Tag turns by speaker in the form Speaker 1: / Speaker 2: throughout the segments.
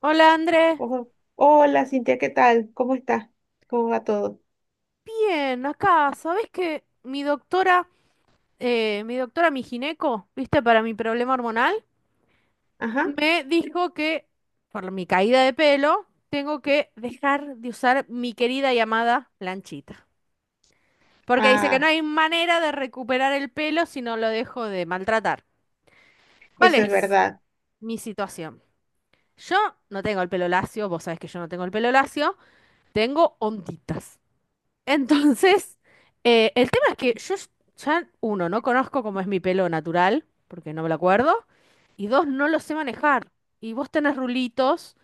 Speaker 1: Hola Andrés,
Speaker 2: Ojo. Hola, Cintia, ¿qué tal? ¿Cómo estás? ¿Cómo va todo?
Speaker 1: bien, acá, ¿sabés que mi doctora, mi doctora, mi gineco, viste, para mi problema hormonal,
Speaker 2: Ajá.
Speaker 1: me dijo que por mi caída de pelo tengo que dejar de usar mi querida y amada planchita? Porque dice que no
Speaker 2: Ah,
Speaker 1: hay manera de recuperar el pelo si no lo dejo de maltratar. ¿Cuál
Speaker 2: eso es
Speaker 1: es
Speaker 2: verdad.
Speaker 1: mi situación? Yo no tengo el pelo lacio, vos sabés que yo no tengo el pelo lacio, tengo onditas. Entonces, el tema es que yo ya, uno, no conozco cómo es mi pelo natural, porque no me lo acuerdo, y dos, no lo sé manejar. Y vos tenés rulitos,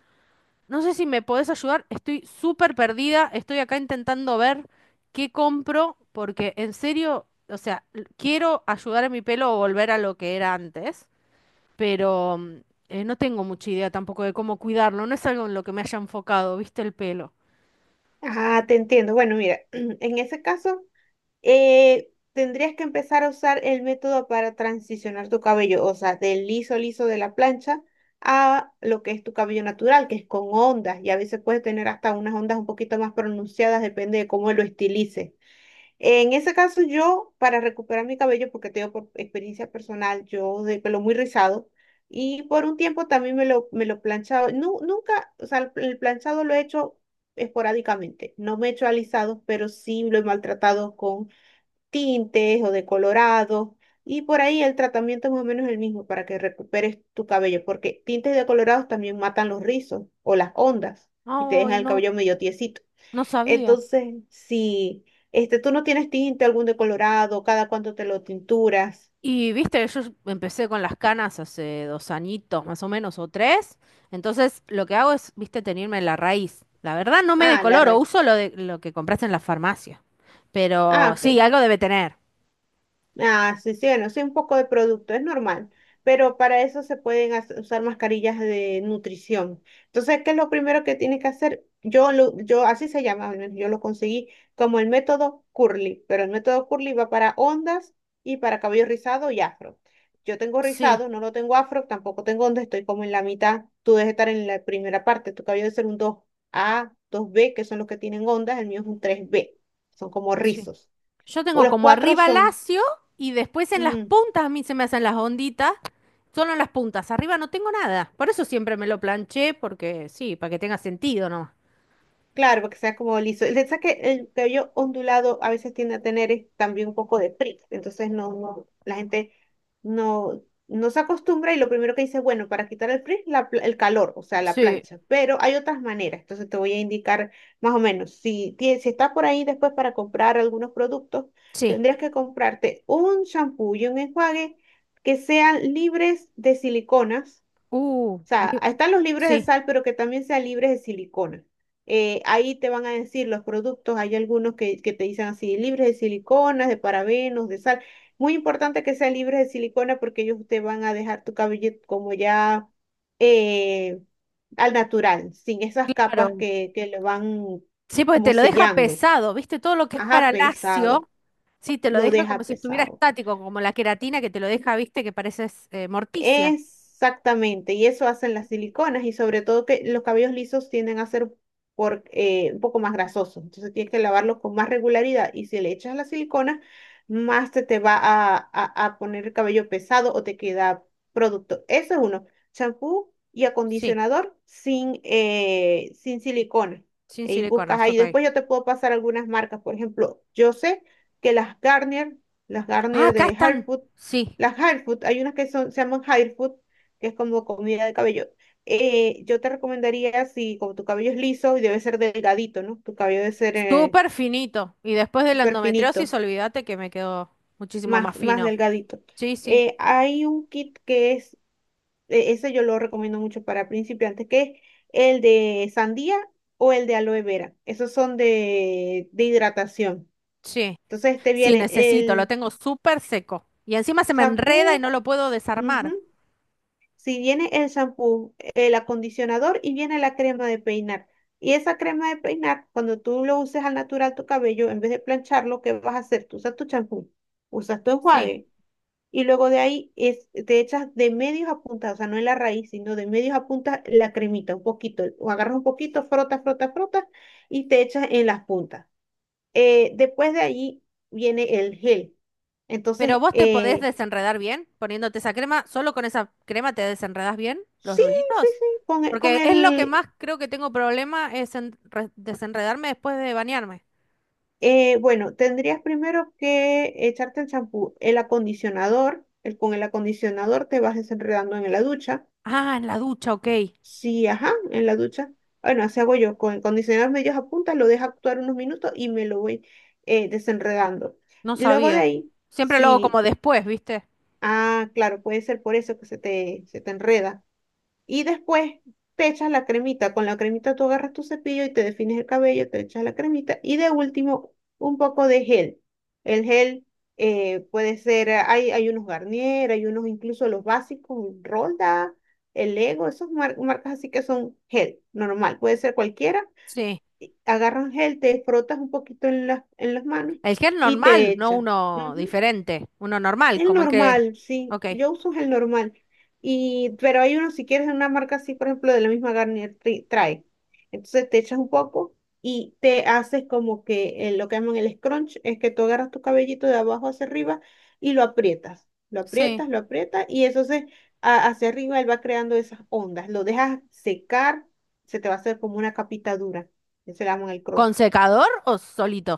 Speaker 1: no sé si me podés ayudar, estoy súper perdida, estoy acá intentando ver qué compro, porque en serio, o sea, l- quiero ayudar a mi pelo a volver a lo que era antes, pero no tengo mucha idea tampoco de cómo cuidarlo, no es algo en lo que me haya enfocado, ¿viste el pelo?
Speaker 2: Ah, te entiendo. Bueno, mira, en ese caso, tendrías que empezar a usar el método para transicionar tu cabello, o sea, del liso liso de la plancha a lo que es tu cabello natural, que es con ondas, y a veces puedes tener hasta unas ondas un poquito más pronunciadas, depende de cómo lo estilices. En ese caso, yo, para recuperar mi cabello, porque tengo por experiencia personal, yo de pelo muy rizado, y por un tiempo también me lo planchado. Nunca, o sea, el planchado lo he hecho esporádicamente. No me he hecho alisados, pero sí lo he maltratado con tintes o decolorados. Y por ahí el tratamiento es más o menos el mismo para que recuperes tu cabello, porque tintes y decolorados también matan los rizos o las ondas y te
Speaker 1: Ay,
Speaker 2: dejan el
Speaker 1: no,
Speaker 2: cabello medio tiesito.
Speaker 1: no sabía.
Speaker 2: Entonces, si tú no tienes tinte algún decolorado, ¿cada cuánto te lo tinturas?
Speaker 1: Y viste, yo empecé con las canas hace dos añitos, más o menos, o tres. Entonces, lo que hago es, viste, tenerme la raíz. La verdad, no me
Speaker 2: Ah, la
Speaker 1: decoloro,
Speaker 2: raíz.
Speaker 1: uso lo de lo que compraste en la farmacia.
Speaker 2: Ah,
Speaker 1: Pero sí,
Speaker 2: ok.
Speaker 1: algo debe tener.
Speaker 2: Ah, sí, sí, bueno, sí, un poco de producto, es normal, pero para eso se pueden usar mascarillas de nutrición. Entonces, ¿qué es lo primero que tienes que hacer? Yo, así se llama, al menos yo lo conseguí como el método Curly, pero el método Curly va para ondas y para cabello rizado y afro. Yo tengo
Speaker 1: Sí,
Speaker 2: rizado, no lo tengo afro, tampoco tengo onda, estoy como en la mitad. Tú debes estar en la primera parte, tu cabello debe ser un dos a dos b, que son los que tienen ondas. El mío es un tres b, son como
Speaker 1: sí.
Speaker 2: rizos.
Speaker 1: Yo
Speaker 2: O
Speaker 1: tengo
Speaker 2: los
Speaker 1: como
Speaker 2: cuatro
Speaker 1: arriba
Speaker 2: son...
Speaker 1: lacio y después en las
Speaker 2: mm,
Speaker 1: puntas a mí se me hacen las onditas. Solo en las puntas. Arriba no tengo nada. Por eso siempre me lo planché, porque sí, para que tenga sentido, ¿no?
Speaker 2: Claro, porque sea como liso. El detalle es que el cabello ondulado a veces tiende a tener es también un poco de frizz. Entonces no, no, la gente no, no se acostumbra, y lo primero que dice, bueno, para quitar el frizz, el calor, o sea, la
Speaker 1: Sí,
Speaker 2: plancha. Pero hay otras maneras. Entonces te voy a indicar más o menos. Si, si estás por ahí después para comprar algunos productos,
Speaker 1: sí.
Speaker 2: tendrías que comprarte un shampoo y un enjuague que sean libres de siliconas. O sea,
Speaker 1: Li-
Speaker 2: están los libres de
Speaker 1: sí,
Speaker 2: sal, pero que también sean libres de silicona. Ahí te van a decir los productos, hay algunos que te dicen así, libres de siliconas, de parabenos, de sal. Muy importante que sean libres de silicona, porque ellos te van a dejar tu cabello como ya eh, al natural, sin esas capas
Speaker 1: claro.
Speaker 2: que le van
Speaker 1: Sí, porque
Speaker 2: como
Speaker 1: te lo deja
Speaker 2: sellando.
Speaker 1: pesado, ¿viste? Todo lo que es
Speaker 2: Ajá,
Speaker 1: para
Speaker 2: pesado,
Speaker 1: lacio, sí, te lo
Speaker 2: lo
Speaker 1: deja como
Speaker 2: deja
Speaker 1: si estuviera
Speaker 2: pesado.
Speaker 1: estático, como la queratina que te lo deja, ¿viste? Que pareces Morticia.
Speaker 2: Exactamente, y eso hacen las siliconas, y sobre todo que los cabellos lisos tienden a ser, por, un poco más grasosos. Entonces tienes que lavarlos con más regularidad, y si le echas la silicona, más se te va a, a poner el cabello pesado o te queda producto. Eso es uno, champú y
Speaker 1: Sí,
Speaker 2: acondicionador sin silicona.
Speaker 1: sin
Speaker 2: Y buscas
Speaker 1: siliconas,
Speaker 2: ahí,
Speaker 1: ok.
Speaker 2: después yo te puedo pasar algunas marcas. Por ejemplo, yo sé que las
Speaker 1: Ah,
Speaker 2: Garnier
Speaker 1: acá
Speaker 2: de
Speaker 1: están.
Speaker 2: Harfood,
Speaker 1: Sí,
Speaker 2: las hard food, hay unas que son, se llaman hard food, que es como comida de cabello. Yo te recomendaría, si como tu cabello es liso y debe ser delgadito, ¿no? Tu cabello debe ser
Speaker 1: súper finito. Y después de la
Speaker 2: súper
Speaker 1: endometriosis,
Speaker 2: finito,
Speaker 1: olvídate que me quedó muchísimo
Speaker 2: más,
Speaker 1: más
Speaker 2: más
Speaker 1: fino.
Speaker 2: delgadito.
Speaker 1: Sí, sí,
Speaker 2: Hay un kit que es, ese yo lo recomiendo mucho para principiantes, que es el de sandía o el de aloe vera. Esos son de hidratación.
Speaker 1: sí,
Speaker 2: Entonces te
Speaker 1: sí,
Speaker 2: viene
Speaker 1: necesito, lo
Speaker 2: el
Speaker 1: tengo súper seco. Y encima se me
Speaker 2: shampoo.
Speaker 1: enreda y no lo puedo
Speaker 2: Ujú.
Speaker 1: desarmar.
Speaker 2: Si viene el shampoo, el acondicionador y viene la crema de peinar. Y esa crema de peinar, cuando tú lo uses al natural tu cabello, en vez de plancharlo, ¿qué vas a hacer? Tú usas tu champú, usas tu
Speaker 1: Sí,
Speaker 2: enjuague, y luego de ahí es, te echas de medios a puntas, o sea, no en la raíz, sino de medios a puntas la cremita, un poquito, o agarras un poquito, frotas, frotas, frotas y te echas en las puntas. Después de ahí viene el gel.
Speaker 1: pero
Speaker 2: Entonces,
Speaker 1: vos te podés desenredar bien poniéndote esa crema, solo con esa crema te desenredás bien los
Speaker 2: sí, sí,
Speaker 1: rulitos.
Speaker 2: sí, con, el- con
Speaker 1: Porque es lo que
Speaker 2: el,
Speaker 1: más creo que tengo problema es en re- desenredarme después de bañarme.
Speaker 2: Bueno, tendrías primero que echarte el champú, el acondicionador, con el acondicionador te vas desenredando en la ducha.
Speaker 1: Ah, en la ducha, ok.
Speaker 2: Sí, ajá, en la ducha. Bueno, así hago yo, con el acondicionador medios a punta, lo dejo actuar unos minutos y me lo voy desenredando.
Speaker 1: No
Speaker 2: Luego de
Speaker 1: sabía.
Speaker 2: ahí,
Speaker 1: Siempre lo hago como
Speaker 2: sí,
Speaker 1: después, ¿viste?
Speaker 2: ah, claro, puede ser por eso que se te enreda. Y después te echas la cremita. Con la cremita tú agarras tu cepillo y te defines el cabello, te echas la cremita. Y de último, un poco de gel. El gel puede ser, hay unos Garnier, hay unos incluso los básicos, Rolda, el Lego, esas marcas así, que son gel normal, puede ser cualquiera.
Speaker 1: Sí.
Speaker 2: Y agarras gel, te frotas un poquito en las manos
Speaker 1: El gel
Speaker 2: y
Speaker 1: normal,
Speaker 2: te
Speaker 1: no
Speaker 2: echas.
Speaker 1: uno diferente, uno normal,
Speaker 2: El
Speaker 1: como el que...
Speaker 2: normal, sí.
Speaker 1: Ok.
Speaker 2: Yo uso el normal. Pero hay uno, si quieres, de una marca así, por ejemplo, de la misma Garnier trae. Entonces te echas un poco y te haces como que lo que llaman el scrunch, es que tú agarras tu cabellito de abajo hacia arriba y lo aprietas. Lo
Speaker 1: Sí.
Speaker 2: aprietas, lo aprietas, y eso se, hacia arriba él va creando esas ondas. Lo dejas secar, se te va a hacer como una capita dura. Eso le llaman el
Speaker 1: ¿Con
Speaker 2: cross.
Speaker 1: secador o solito?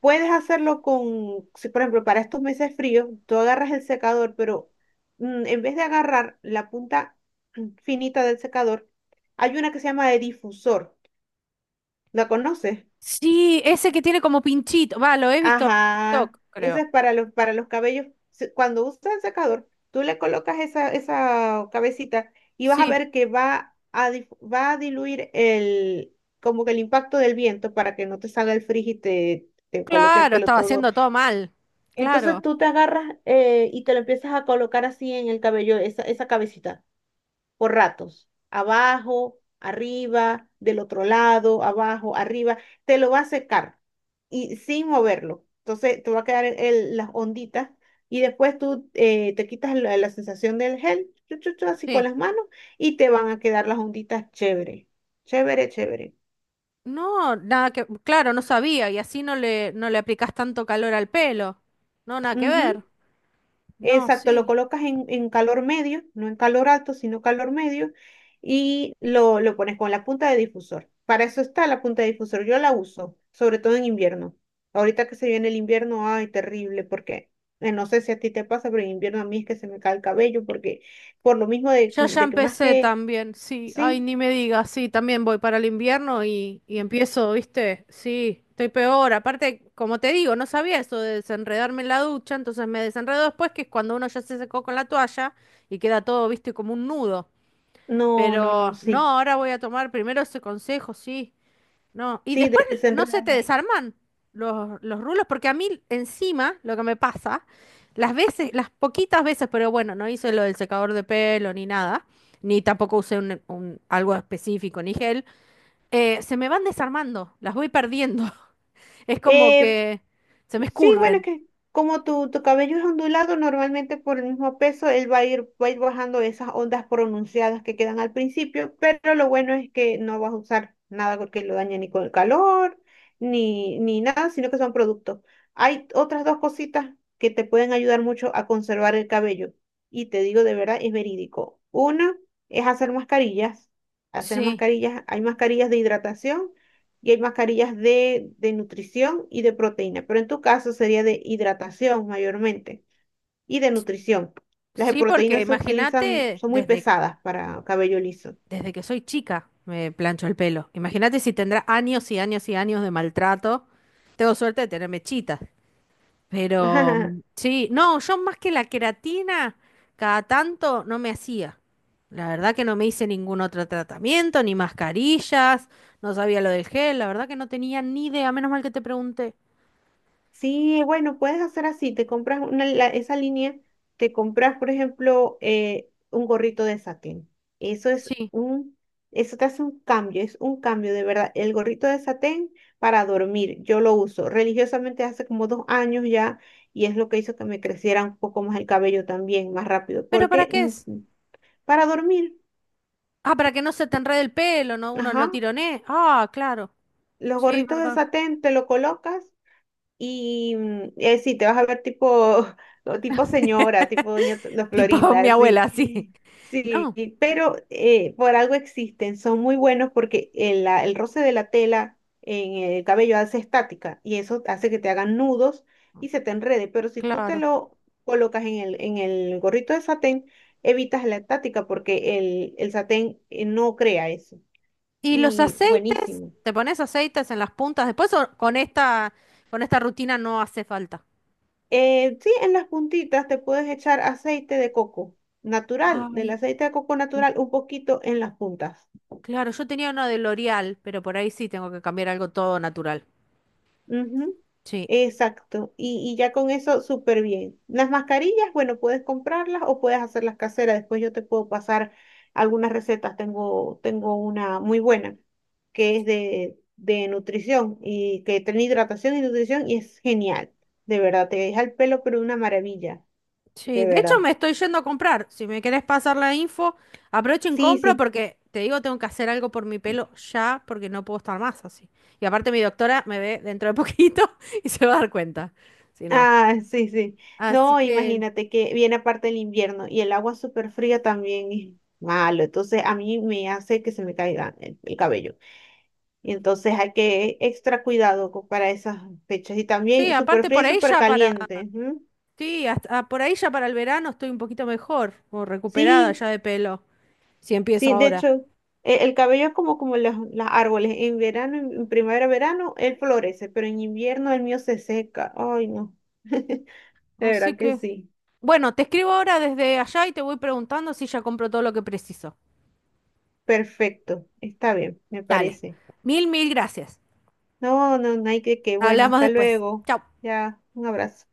Speaker 2: Puedes hacerlo con, si, por ejemplo, para estos meses fríos, tú agarras el secador, pero en vez de agarrar la punta finita del secador, hay una que se llama de difusor. ¿La conoces?
Speaker 1: Sí, ese que tiene como pinchito. Va, lo he visto en
Speaker 2: Ajá.
Speaker 1: TikTok,
Speaker 2: Esa
Speaker 1: creo.
Speaker 2: es para los cabellos. Cuando usas el secador, tú le colocas esa, esa cabecita, y vas a
Speaker 1: Sí,
Speaker 2: ver que va a diluir el, como que el impacto del viento, para que no te salga el frizz y te coloque el
Speaker 1: claro,
Speaker 2: pelo
Speaker 1: estaba
Speaker 2: todo.
Speaker 1: haciendo todo mal.
Speaker 2: Entonces
Speaker 1: Claro,
Speaker 2: tú te agarras y te lo empiezas a colocar así en el cabello, esa cabecita, por ratos, abajo, arriba, del otro lado, abajo, arriba, te lo va a secar, y sin moverlo. Entonces te va a quedar las onditas, y después tú te quitas la sensación del gel, chu, chu, chu, así con
Speaker 1: sí.
Speaker 2: las manos, y te van a quedar las onditas chévere, chévere, chévere.
Speaker 1: No, nada que, claro, no sabía y así no le, no le aplicás tanto calor al pelo. No, nada que
Speaker 2: Ujú.
Speaker 1: ver. No,
Speaker 2: Exacto, lo
Speaker 1: sí.
Speaker 2: colocas en calor medio, no en calor alto, sino calor medio, y lo pones con la punta de difusor. Para eso está la punta de difusor, yo la uso sobre todo en invierno. Ahorita que se viene el invierno, ay, terrible, porque no sé si a ti te pasa, pero en invierno a mí es que se me cae el cabello, porque por lo mismo de,
Speaker 1: Yo ya
Speaker 2: de que más
Speaker 1: empecé
Speaker 2: que,
Speaker 1: también, sí. Ay,
Speaker 2: sí,
Speaker 1: ni me digas, sí, también voy para el invierno y empiezo, ¿viste? Sí, estoy peor. Aparte, como te digo, no sabía eso de desenredarme en la ducha, entonces me desenredo después, que es cuando uno ya se secó con la toalla y queda todo, ¿viste? Como un nudo.
Speaker 2: no, no, no,
Speaker 1: Pero no,
Speaker 2: sí,
Speaker 1: ahora voy a tomar primero ese consejo, sí. No, y
Speaker 2: sí,
Speaker 1: después, no se te
Speaker 2: desenrédalo ahí.
Speaker 1: desarman los rulos, porque a mí encima lo que me pasa, las veces, las poquitas veces, pero bueno, no hice lo del secador de pelo ni nada, ni tampoco usé algo específico, ni gel, se me van desarmando, las voy perdiendo. Es como
Speaker 2: Eh,
Speaker 1: que se me
Speaker 2: Sí, bueno, es
Speaker 1: escurren.
Speaker 2: que como tu cabello es ondulado, normalmente por el mismo peso, él va a ir bajando esas ondas pronunciadas que quedan al principio, pero lo bueno es que no vas a usar nada porque lo daña, ni con el calor, ni nada, sino que son productos. Hay otras dos cositas que te pueden ayudar mucho a conservar el cabello. Y te digo de verdad, es verídico. Una es hacer mascarillas. Hacer
Speaker 1: Sí,
Speaker 2: mascarillas, hay mascarillas de hidratación y hay mascarillas de nutrición y de proteína, pero en tu caso sería de hidratación mayormente y de nutrición. Las de
Speaker 1: sí, porque
Speaker 2: proteína se utilizan,
Speaker 1: imagínate,
Speaker 2: son muy
Speaker 1: desde,
Speaker 2: pesadas para cabello liso.
Speaker 1: desde que soy chica me plancho el pelo. Imagínate si tendrá años y años y años de maltrato. Tengo suerte de tener mechitas. Pero sí, no, yo más que la queratina, cada tanto no me hacía. La verdad que no me hice ningún otro tratamiento, ni mascarillas, no sabía lo del gel, la verdad que no tenía ni idea, menos mal que te pregunté.
Speaker 2: Sí, bueno, puedes hacer así, te compras una, esa línea. Te compras, por ejemplo, un gorrito de satén. Eso es
Speaker 1: Sí,
Speaker 2: un, eso te hace un cambio, es un cambio de verdad. El gorrito de satén para dormir, yo lo uso religiosamente hace como dos años ya, y es lo que hizo que me creciera un poco más el cabello también, más rápido,
Speaker 1: pero ¿para
Speaker 2: porque
Speaker 1: qué es?
Speaker 2: para dormir,
Speaker 1: Ah, para que no se te enrede el pelo, no, uno
Speaker 2: ajá,
Speaker 1: no tironee. Ah, claro,
Speaker 2: los
Speaker 1: sí,
Speaker 2: gorritos de
Speaker 1: verdad.
Speaker 2: satén te lo colocas. Y sí, te vas a ver tipo, tipo señora, tipo doña la
Speaker 1: Tipo
Speaker 2: Florinda,
Speaker 1: mi abuela, sí.
Speaker 2: así. Sí,
Speaker 1: No,
Speaker 2: pero por algo existen, son muy buenos porque el roce de la tela en el cabello hace estática y eso hace que te hagan nudos y se te enrede, pero si tú te
Speaker 1: claro.
Speaker 2: lo colocas en el gorrito de satén, evitas la estática porque el satén no crea eso.
Speaker 1: ¿Y los
Speaker 2: Y
Speaker 1: aceites?
Speaker 2: buenísimo.
Speaker 1: ¿Te pones aceites en las puntas después o con esta rutina no hace falta?
Speaker 2: Sí, en las puntitas te puedes echar aceite de coco natural, del
Speaker 1: Ay,
Speaker 2: aceite de coco
Speaker 1: no-
Speaker 2: natural, un poquito en las puntas.
Speaker 1: claro, yo tenía uno de L'Oreal, pero por ahí sí tengo que cambiar algo todo natural.
Speaker 2: Ujú.
Speaker 1: Sí,
Speaker 2: Exacto. Y ya con eso, súper bien. Las mascarillas, bueno, puedes comprarlas o puedes hacerlas caseras. Después yo te puedo pasar algunas recetas. Tengo una muy buena que es de nutrición, y que tiene hidratación y nutrición y es genial. De verdad, te deja el pelo, pero una maravilla.
Speaker 1: sí.
Speaker 2: De
Speaker 1: De hecho,
Speaker 2: verdad.
Speaker 1: me estoy yendo a comprar. Si me querés pasar la info, aprovechen,
Speaker 2: Sí,
Speaker 1: compro
Speaker 2: sí.
Speaker 1: porque te digo, tengo que hacer algo por mi pelo ya porque no puedo estar más así. Y aparte, mi doctora me ve dentro de poquito y se va a dar cuenta. Si no.
Speaker 2: Ah, sí, sí.
Speaker 1: Así
Speaker 2: No,
Speaker 1: que,
Speaker 2: imagínate que viene aparte el invierno, y el agua súper fría también es malo. Entonces a mí me hace que se me caiga el cabello. Y entonces hay que extra cuidado para esas fechas. Y
Speaker 1: sí,
Speaker 2: también súper
Speaker 1: aparte
Speaker 2: fría
Speaker 1: por
Speaker 2: y
Speaker 1: ahí
Speaker 2: súper
Speaker 1: ya para.
Speaker 2: caliente. Ujú.
Speaker 1: Sí, hasta- ah, por ahí ya para el verano estoy un poquito mejor o recuperada
Speaker 2: Sí,
Speaker 1: ya de pelo, si empiezo
Speaker 2: sí, de
Speaker 1: ahora.
Speaker 2: hecho, el cabello es como los árboles. En verano, en primavera, verano, él florece, pero en invierno el mío se seca. Ay, no. De
Speaker 1: Así
Speaker 2: verdad que
Speaker 1: que.
Speaker 2: sí.
Speaker 1: Bueno, te escribo ahora desde allá y te voy preguntando si ya compró todo lo que preciso.
Speaker 2: Perfecto. Está bien, me
Speaker 1: Dale.
Speaker 2: parece.
Speaker 1: Mil, mil gracias.
Speaker 2: No, no, no hay que, bueno,
Speaker 1: Hablamos
Speaker 2: hasta
Speaker 1: después.
Speaker 2: luego.
Speaker 1: Chau.
Speaker 2: Ya, un abrazo.